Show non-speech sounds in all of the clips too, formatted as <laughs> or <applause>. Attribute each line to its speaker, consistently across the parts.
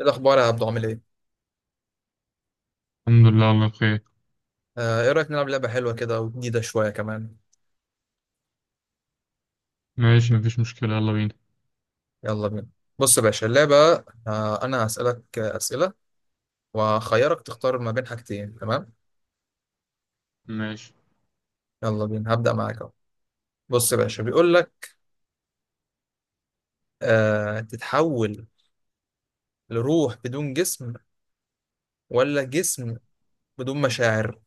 Speaker 1: ايه الاخبار يا عبدو، عامل ايه؟
Speaker 2: الحمد لله، الله بخير.
Speaker 1: ايه رايك نلعب لعبه حلوه كده وجديده شويه كمان؟
Speaker 2: ماشي، مفيش مشكلة، يلا بينا.
Speaker 1: يلا بينا. بص يا باشا اللعبه. انا هسالك، اسئله، واخيرك تختار ما بين حاجتين، تمام؟
Speaker 2: ماشي.
Speaker 1: يلا بينا، هبدا معاك اهو. بص يا باشا بيقول لك، تتحول لروح بدون جسم ولا جسم بدون مشاعر؟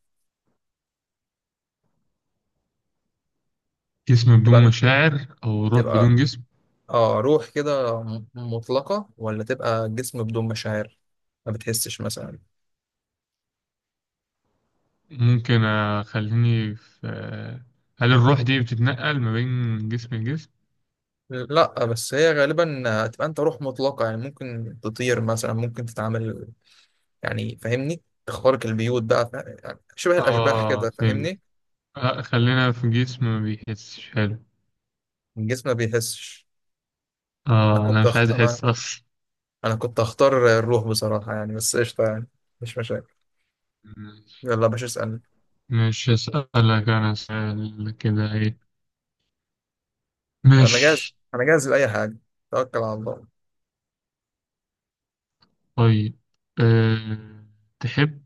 Speaker 2: جسم بدون
Speaker 1: تبقى
Speaker 2: مشاعر أو روح
Speaker 1: تبقى
Speaker 2: بدون جسم؟
Speaker 1: اه روح كده مطلقه، ولا تبقى جسم بدون مشاعر ما بتحسش مثلا؟
Speaker 2: ممكن. أخليني في، هل الروح دي بتتنقل ما بين جسم لجسم؟
Speaker 1: لا، بس هي غالبا هتبقى انت روح مطلقة، يعني ممكن تطير مثلا، ممكن تتعامل، يعني فاهمني، تخترق البيوت بقى يعني شبه الأشباح
Speaker 2: آه،
Speaker 1: كده،
Speaker 2: فهمت.
Speaker 1: فاهمني؟
Speaker 2: آه، خلينا في جسم ما بيحسش، حلو.
Speaker 1: الجسم ما بيحسش.
Speaker 2: آه، أنا مش عايز
Speaker 1: أنا،
Speaker 2: أحس أصلا.
Speaker 1: أنا كنت أختار الروح بصراحة يعني، بس قشطة يعني، مش مشاكل.
Speaker 2: ماشي.
Speaker 1: يلا يا باشا، اسألني.
Speaker 2: مش أسألك أنا سؤال كده، إيه؟
Speaker 1: أنا جاهز،
Speaker 2: ماشي.
Speaker 1: أنا جاهز لأي حاجة، توكل على الله.
Speaker 2: طيب. أه... تحب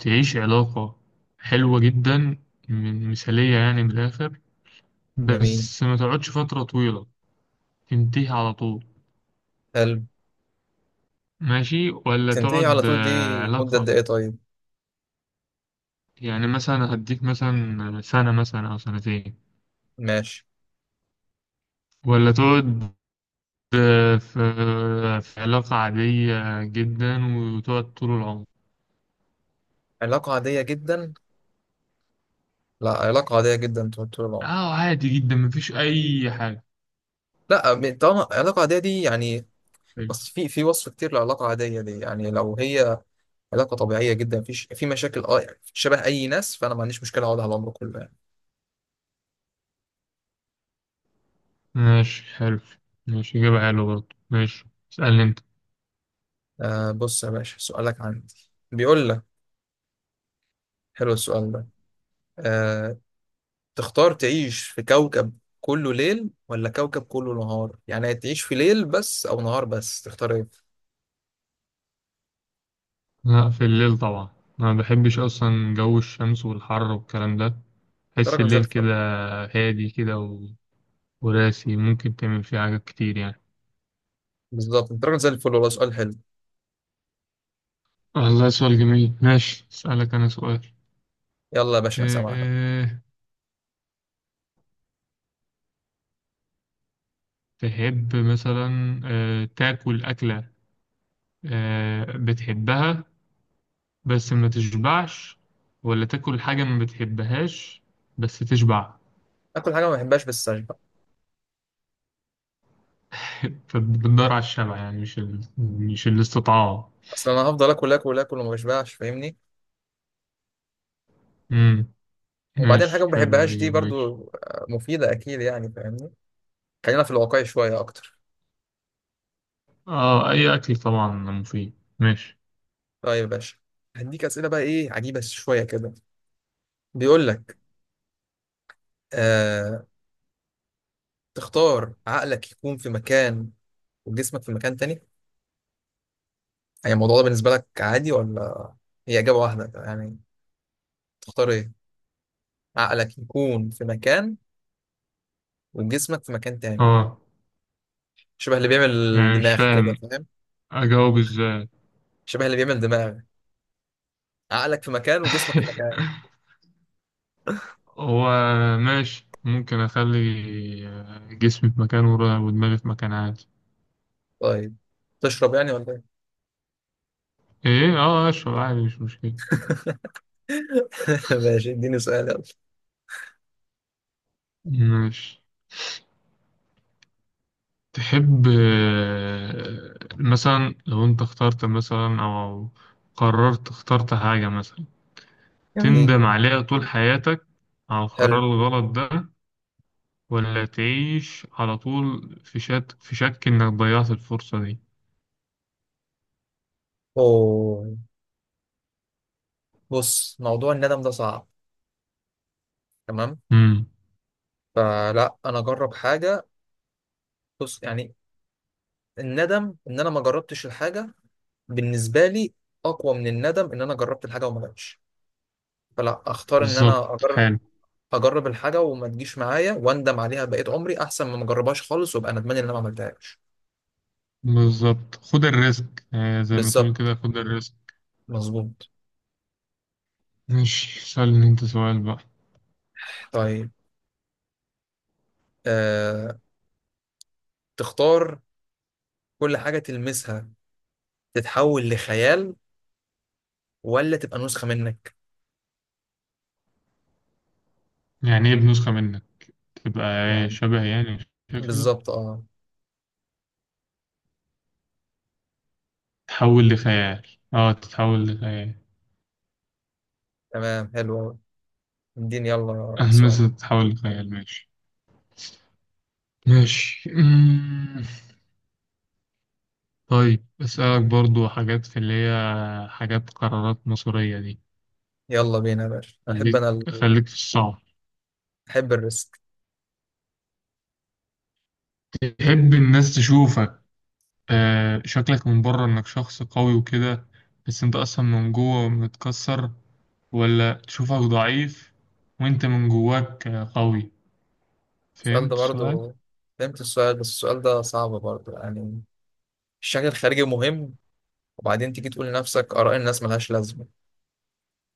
Speaker 2: تعيش علاقة حلوة جدا، من مثالية يعني، بالآخر
Speaker 1: جميل.
Speaker 2: بس ما تقعدش فترة طويلة، تنتهي على طول؟
Speaker 1: حلو.
Speaker 2: ماشي. ولا
Speaker 1: تنتهي على
Speaker 2: تقعد
Speaker 1: طول؟ دي مدة قد
Speaker 2: علاقة،
Speaker 1: إيه طيب؟
Speaker 2: يعني مثلا هديك مثلا سنة مثلا أو سنتين،
Speaker 1: ماشي.
Speaker 2: ولا تقعد آه، في في علاقة عادية جدا وتقعد طول العمر؟
Speaker 1: علاقة عادية جدا؟ لا، علاقة عادية جدا طول طول العمر.
Speaker 2: اه، عادي جدا، مفيش أي حاجة.
Speaker 1: لا، طالما علاقة عادية دي يعني.
Speaker 2: حلو.
Speaker 1: بس في وصف كتير لعلاقة عادية دي، يعني لو هي علاقة طبيعية جدا، في مشاكل، اه يعني شبه أي ناس، فأنا ما عنديش مشكلة أقعد على العمر كله يعني.
Speaker 2: ماشي، حلو. ماشي، إجابة حلوة برضه، ماشي. اسألني أنت.
Speaker 1: بص يا باشا، سؤالك عندي. بيقول لك، حلو السؤال ده. آه تختار تعيش في كوكب كله ليل ولا كوكب كله نهار؟ يعني تعيش في ليل بس أو نهار بس، تختار إيه؟
Speaker 2: لا، في الليل طبعا. أنا ما بحبش أصلا جو الشمس والحر والكلام ده.
Speaker 1: أنت
Speaker 2: بحس
Speaker 1: راجل زي
Speaker 2: الليل
Speaker 1: الفل.
Speaker 2: كده هادي كده، وراسي ممكن تعمل فيه حاجات كتير يعني.
Speaker 1: بالظبط، أنت راجل زي الفل، والله سؤال حلو.
Speaker 2: والله سؤال جميل. ماشي، أسألك أنا سؤال.
Speaker 1: يلا يا باشا، أنا سامعك.
Speaker 2: أه، تحب مثلا أه تاكل أكلة أه بتحبها بس ما تشبعش، ولا تاكل حاجة ما بتحبهاش بس تشبع؟
Speaker 1: آكل حاجة ما بحبهاش بس أشبع.
Speaker 2: <laughs> فبتدور على الشبع يعني، مش الاستطاعة.
Speaker 1: أصل أنا هفضل آكل آكل آكل وما بشبعش فاهمني.
Speaker 2: امم
Speaker 1: وبعدين حاجة
Speaker 2: ماشي،
Speaker 1: ما
Speaker 2: حلو
Speaker 1: بحبهاش دي
Speaker 2: الإجابة، ماشي.
Speaker 1: برضو، مفيدة أكيد يعني فاهمني. خلينا في الواقع شوية أكتر.
Speaker 2: اه، أي أكل طبعا مفيد، ماشي.
Speaker 1: طيب يا باشا، هديك أسئلة بقى إيه عجيبة شوية كده. بيقول لك، آه تختار عقلك يكون في مكان وجسمك في مكان تاني؟ يعني الموضوع ده بالنسبة لك عادي ولا؟ هي إجابة واحدة يعني، تختار إيه؟ عقلك يكون في مكان وجسمك في مكان تاني،
Speaker 2: اه،
Speaker 1: شبه اللي بيعمل
Speaker 2: يعني مش
Speaker 1: دماغ
Speaker 2: فاهم
Speaker 1: كده، فاهم؟
Speaker 2: أجاوب إزاي.
Speaker 1: شبه اللي بيعمل دماغ، عقلك في مكان وجسمك في مكان.
Speaker 2: <laughs> هو، ماشي، ممكن اخلي جسمي في مكان ودماغي في مكان، عادي.
Speaker 1: طيب، تشرب يعني ولا إيه؟
Speaker 2: ايه، اه، اشرب عادي، مش مشكلة.
Speaker 1: <laughs> ماشي، اديني سؤال يلا.
Speaker 2: ماشي. تحب مثلا لو انت اخترت مثلا او قررت اخترت حاجة مثلا،
Speaker 1: جميل.
Speaker 2: تندم عليها طول حياتك على
Speaker 1: حلو.
Speaker 2: القرار الغلط ده، ولا تعيش على طول في شك، انك ضيعت الفرصة دي؟
Speaker 1: أوه. بص، موضوع الندم ده صعب، تمام؟
Speaker 2: امم
Speaker 1: فلا، انا اجرب حاجه. بص يعني، الندم ان انا ما جربتش الحاجه بالنسبه لي اقوى من الندم ان انا جربت الحاجه وما جاتش. فلا اختار ان
Speaker 2: بالظبط،
Speaker 1: انا اجرب.
Speaker 2: حلو.
Speaker 1: اجرب الحاجه وما تجيش معايا واندم عليها بقيت عمري، احسن ما اجربهاش خالص وابقى ندمان ان انا ما عملتهاش.
Speaker 2: بالظبط، خد الريسك زي ما تقول
Speaker 1: بالظبط.
Speaker 2: كده، خد الريسك.
Speaker 1: مظبوط.
Speaker 2: ماشي، سألني انت سؤال بقى.
Speaker 1: طيب. أه... تختار كل حاجه تلمسها تتحول لخيال، ولا تبقى نسخة منك؟
Speaker 2: يعني ايه بنسخة منك؟ تبقى ايه،
Speaker 1: يعني
Speaker 2: شبه يعني شكلي؟
Speaker 1: بالظبط، اه.
Speaker 2: تتحول لخيال؟ اه، تتحول لخيال. <laughs>
Speaker 1: تمام، حلو أوي. اديني يلا
Speaker 2: اه،
Speaker 1: سؤال.
Speaker 2: مثلا تتحول لخيال، ماشي. ماشي. طيب أسألك برضو حاجات في اللي هي حاجات قرارات مصيرية دي.
Speaker 1: يلا بينا يا باشا، أنا أحب
Speaker 2: خليك،
Speaker 1: أنا ال...
Speaker 2: خليك في الصعب.
Speaker 1: أحب الريسك.
Speaker 2: تحب الناس تشوفك شكلك من بره انك شخص قوي وكده بس انت اصلا من جوه متكسر، ولا تشوفك ضعيف وانت من جواك قوي؟
Speaker 1: السؤال ده
Speaker 2: فهمت السؤال؟
Speaker 1: برضو، فهمت السؤال بس السؤال ده صعب برضو يعني. الشكل الخارجي مهم، وبعدين تيجي تقول لنفسك آراء الناس ملهاش لازمة،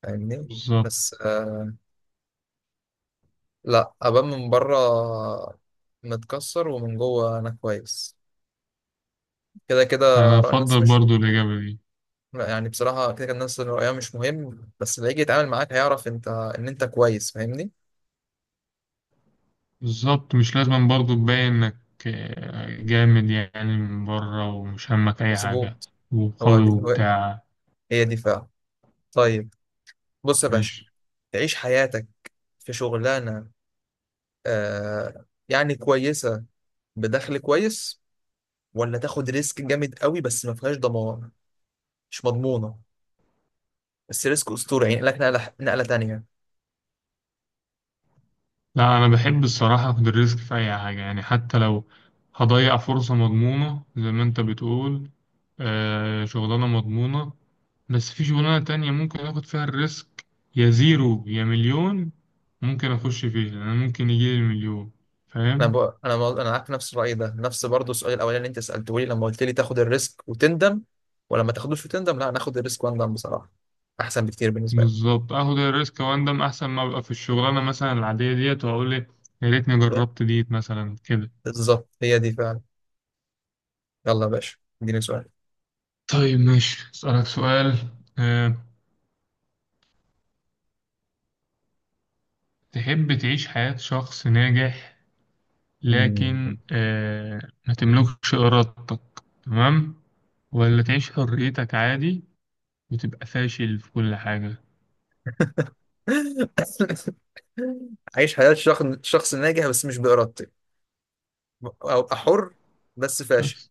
Speaker 1: فاهمني.
Speaker 2: بالظبط.
Speaker 1: بس لا، أبان من بره متكسر ومن جوه أنا كويس، كده كده.
Speaker 2: انا
Speaker 1: آراء الناس
Speaker 2: افضل
Speaker 1: مش
Speaker 2: برضو الاجابه دي.
Speaker 1: لا يعني، بصراحة كده، كان الناس اللي رأيها مش مهم، بس اللي يجي يتعامل معاك هيعرف انت ان انت كويس، فاهمني.
Speaker 2: بالظبط، مش لازم برضو تبين انك جامد يعني من بره، ومش همك اي حاجه
Speaker 1: مظبوط. هو,
Speaker 2: وقوي
Speaker 1: دي هو
Speaker 2: وبتاع.
Speaker 1: هي دي فعلا. طيب، بص يا باشا،
Speaker 2: ماشي.
Speaker 1: تعيش حياتك في شغلانة يعني كويسة، بدخل كويس، ولا تاخد ريسك جامد قوي بس ما فيهاش ضمان، مش مضمونة، بس ريسك أسطوري يعني لك نقلة نقلة تانية؟
Speaker 2: لا، أنا بحب الصراحة أخد الريسك في أي حاجة يعني، حتى لو هضيع فرصة مضمونة زي ما أنت بتقول. آه، شغلانة مضمونة بس في شغلانة تانية ممكن آخد فيها الريسك، يا زيرو يا مليون. ممكن أخش فيها أنا، ممكن يجيلي المليون،
Speaker 1: انا
Speaker 2: فاهم.
Speaker 1: بقى، انا معاك في نفس الراي ده. نفس برضه السؤال الاولاني اللي انت سالته لي لما قلت لي تاخد الريسك وتندم، ولا ما تاخدوش وتندم. لا، ناخد الريسك واندم بصراحه، احسن بكتير بالنسبه لي.
Speaker 2: بالظبط، آخد الريسك وأندم أحسن ما أبقى في الشغلانة مثلا العادية ديت وأقول لي يا ريتني
Speaker 1: Yeah.
Speaker 2: جربت ديت مثلا كده.
Speaker 1: بالظبط، هي دي فعلا. يلا يا باشا، اديني سؤال.
Speaker 2: طيب، ماشي، أسألك سؤال. أه، تحب تعيش حياة شخص ناجح
Speaker 1: مم.
Speaker 2: لكن ما تملكش إرادتك، تمام، ولا تعيش حريتك عادي وتبقى فاشل في كل حاجة؟
Speaker 1: <laughs> عايش حياه شخص ناجح بس مش بارادتي، او ابقى حر بس فاشل،
Speaker 2: شخص،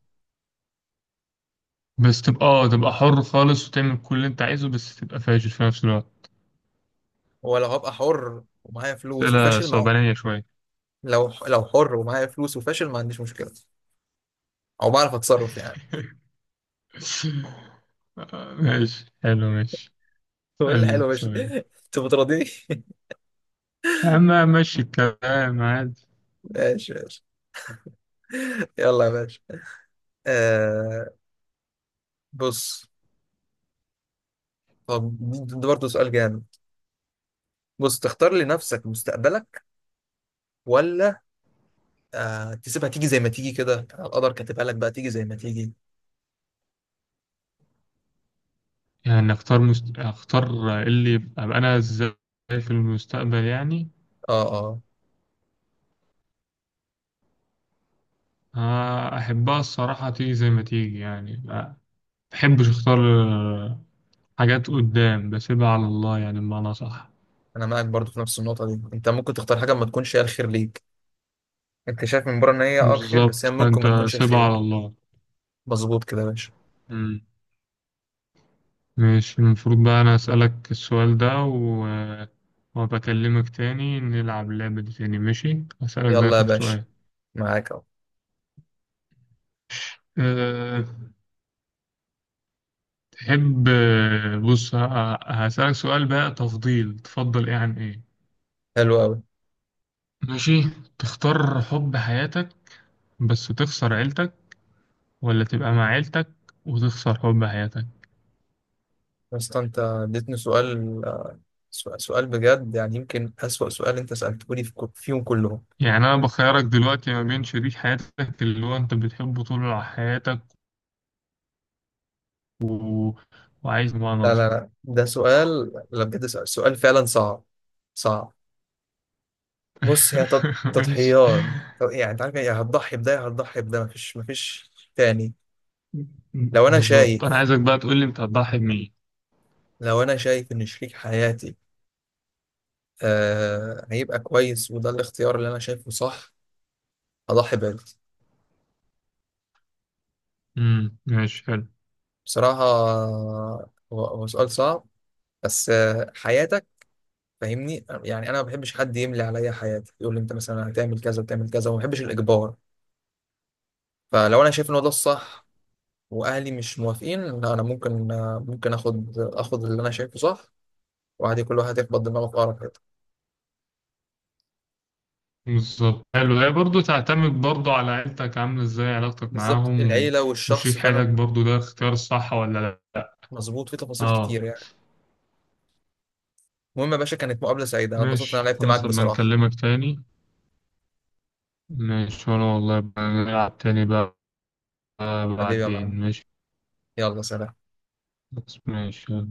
Speaker 2: بس تبقى اه تبقى حر خالص وتعمل كل اللي انت عايزه بس تبقى فاشل في نفس الوقت.
Speaker 1: ولا هبقى حر ومعايا فلوس
Speaker 2: أسئلة
Speaker 1: وفاشل؟ مع
Speaker 2: صعبانية شوية.
Speaker 1: لو حر ومعايا فلوس وفاشل، ما عنديش مشكله، او بعرف اتصرف يعني.
Speaker 2: <laughs> ماشي، حلو، ماشي.
Speaker 1: <laughs> هو ايه
Speaker 2: اسألني
Speaker 1: الحلو يا
Speaker 2: انت
Speaker 1: باشا؟
Speaker 2: سؤال
Speaker 1: <laughs> انت بتراضيني.
Speaker 2: يا عم، ماشي الكلام عادي.
Speaker 1: ماشي، ماشي. يلا يا باشا، آه بص، طب ده برضه سؤال جامد. بص، تختار لنفسك مستقبلك، ولا تسيبها تيجي زي ما تيجي كده، القدر كاتبها لك بقى تيجي زي ما تيجي؟
Speaker 2: اختار اللي يبقى أبقى انا ازاي في المستقبل يعني؟
Speaker 1: اه، اه،
Speaker 2: أحبها الصراحة تيجي زي ما تيجي، يعني ما بحبش أختار. آه، حاجات قدام بسيبها على الله، يعني بمعنى صح.
Speaker 1: انا معاك برضه في نفس النقطة دي. انت ممكن تختار حاجة ما تكونش هي الخير ليك، انت شايف من بره ان هي اه الخير، بس
Speaker 2: بالظبط،
Speaker 1: هي ممكن
Speaker 2: فأنت
Speaker 1: ما تكونش
Speaker 2: سيبها على
Speaker 1: الخير.
Speaker 2: الله.
Speaker 1: مظبوط كده يا باشا.
Speaker 2: مم. ماشي، المفروض بقى أنا أسألك السؤال ده، وبكلمك تاني نلعب اللعبة دي تاني، ماشي؟ هسألك ده
Speaker 1: يلا يا
Speaker 2: آخر
Speaker 1: باشا،
Speaker 2: سؤال.
Speaker 1: معاك اهو.
Speaker 2: أه... تحب هسألك سؤال بقى، تفضيل تفضل إيه عن إيه؟
Speaker 1: حلو قوي.
Speaker 2: ماشي. تختار حب حياتك بس تخسر عيلتك، ولا تبقى مع عيلتك وتخسر حب حياتك؟
Speaker 1: بس انت اديتني سؤال، سؤال بجد يعني، يمكن أسوأ سؤال انت سألته لي فيهم كلهم.
Speaker 2: يعني أنا بخيرك دلوقتي ما بين شريك حياتك اللي هو أنت بتحبه طول حياتك، و... وعايز بمعنى
Speaker 1: لا،
Speaker 2: أصح.
Speaker 1: لا، لا، ده سؤال، لا بجد سؤال فعلا صعب، صعب. بص، هي
Speaker 2: <laughs> ماشي.
Speaker 1: تضحيات. طب يعني انت عارف يعني هتضحي بده يا هتضحي بده، مفيش تاني. لو انا
Speaker 2: بالظبط، أنا
Speaker 1: شايف
Speaker 2: عايزك بقى تقول لي أنت هتضحي بمين.
Speaker 1: لو انا شايف ان شريك حياتي هيبقى كويس، وده الاختيار اللي انا شايفه صح، هضحي بده.
Speaker 2: ماشي، حلو.
Speaker 1: بصراحة، هو سؤال صعب، بس حياتك، فاهمني يعني، انا ما بحبش حد يملي عليا حياتي، يقول لي انت مثلا هتعمل كذا وتعمل كذا، وما بحبش الاجبار. فلو انا شايف ان هو ده الصح واهلي مش موافقين، لا، انا ممكن، ممكن اخد اللي انا شايفه صح، وعادي كل واحد يخبط دماغه في اقرب حته.
Speaker 2: بالظبط، حلو. هي برضه تعتمد برضه على عيلتك عاملة إزاي علاقتك
Speaker 1: بالظبط،
Speaker 2: معاهم،
Speaker 1: العيله والشخص
Speaker 2: وشريك
Speaker 1: فعلا.
Speaker 2: حياتك برضه ده اختيار الصح ولا لأ.
Speaker 1: مظبوط، في تفاصيل
Speaker 2: اه.
Speaker 1: كتير يعني. المهم يا باشا، كانت مقابله سعيده، انا اتبسطت ان انا
Speaker 2: ماشي،
Speaker 1: لعبت معاك
Speaker 2: خلاص، أبقى
Speaker 1: بصراحه.
Speaker 2: نكلمك تاني. ماشي، وأنا والله بقى نلعب تاني بقى
Speaker 1: حبيبي يا
Speaker 2: بعدين،
Speaker 1: معلم،
Speaker 2: ماشي.
Speaker 1: يلا سلام.
Speaker 2: بس ماشي، يلا.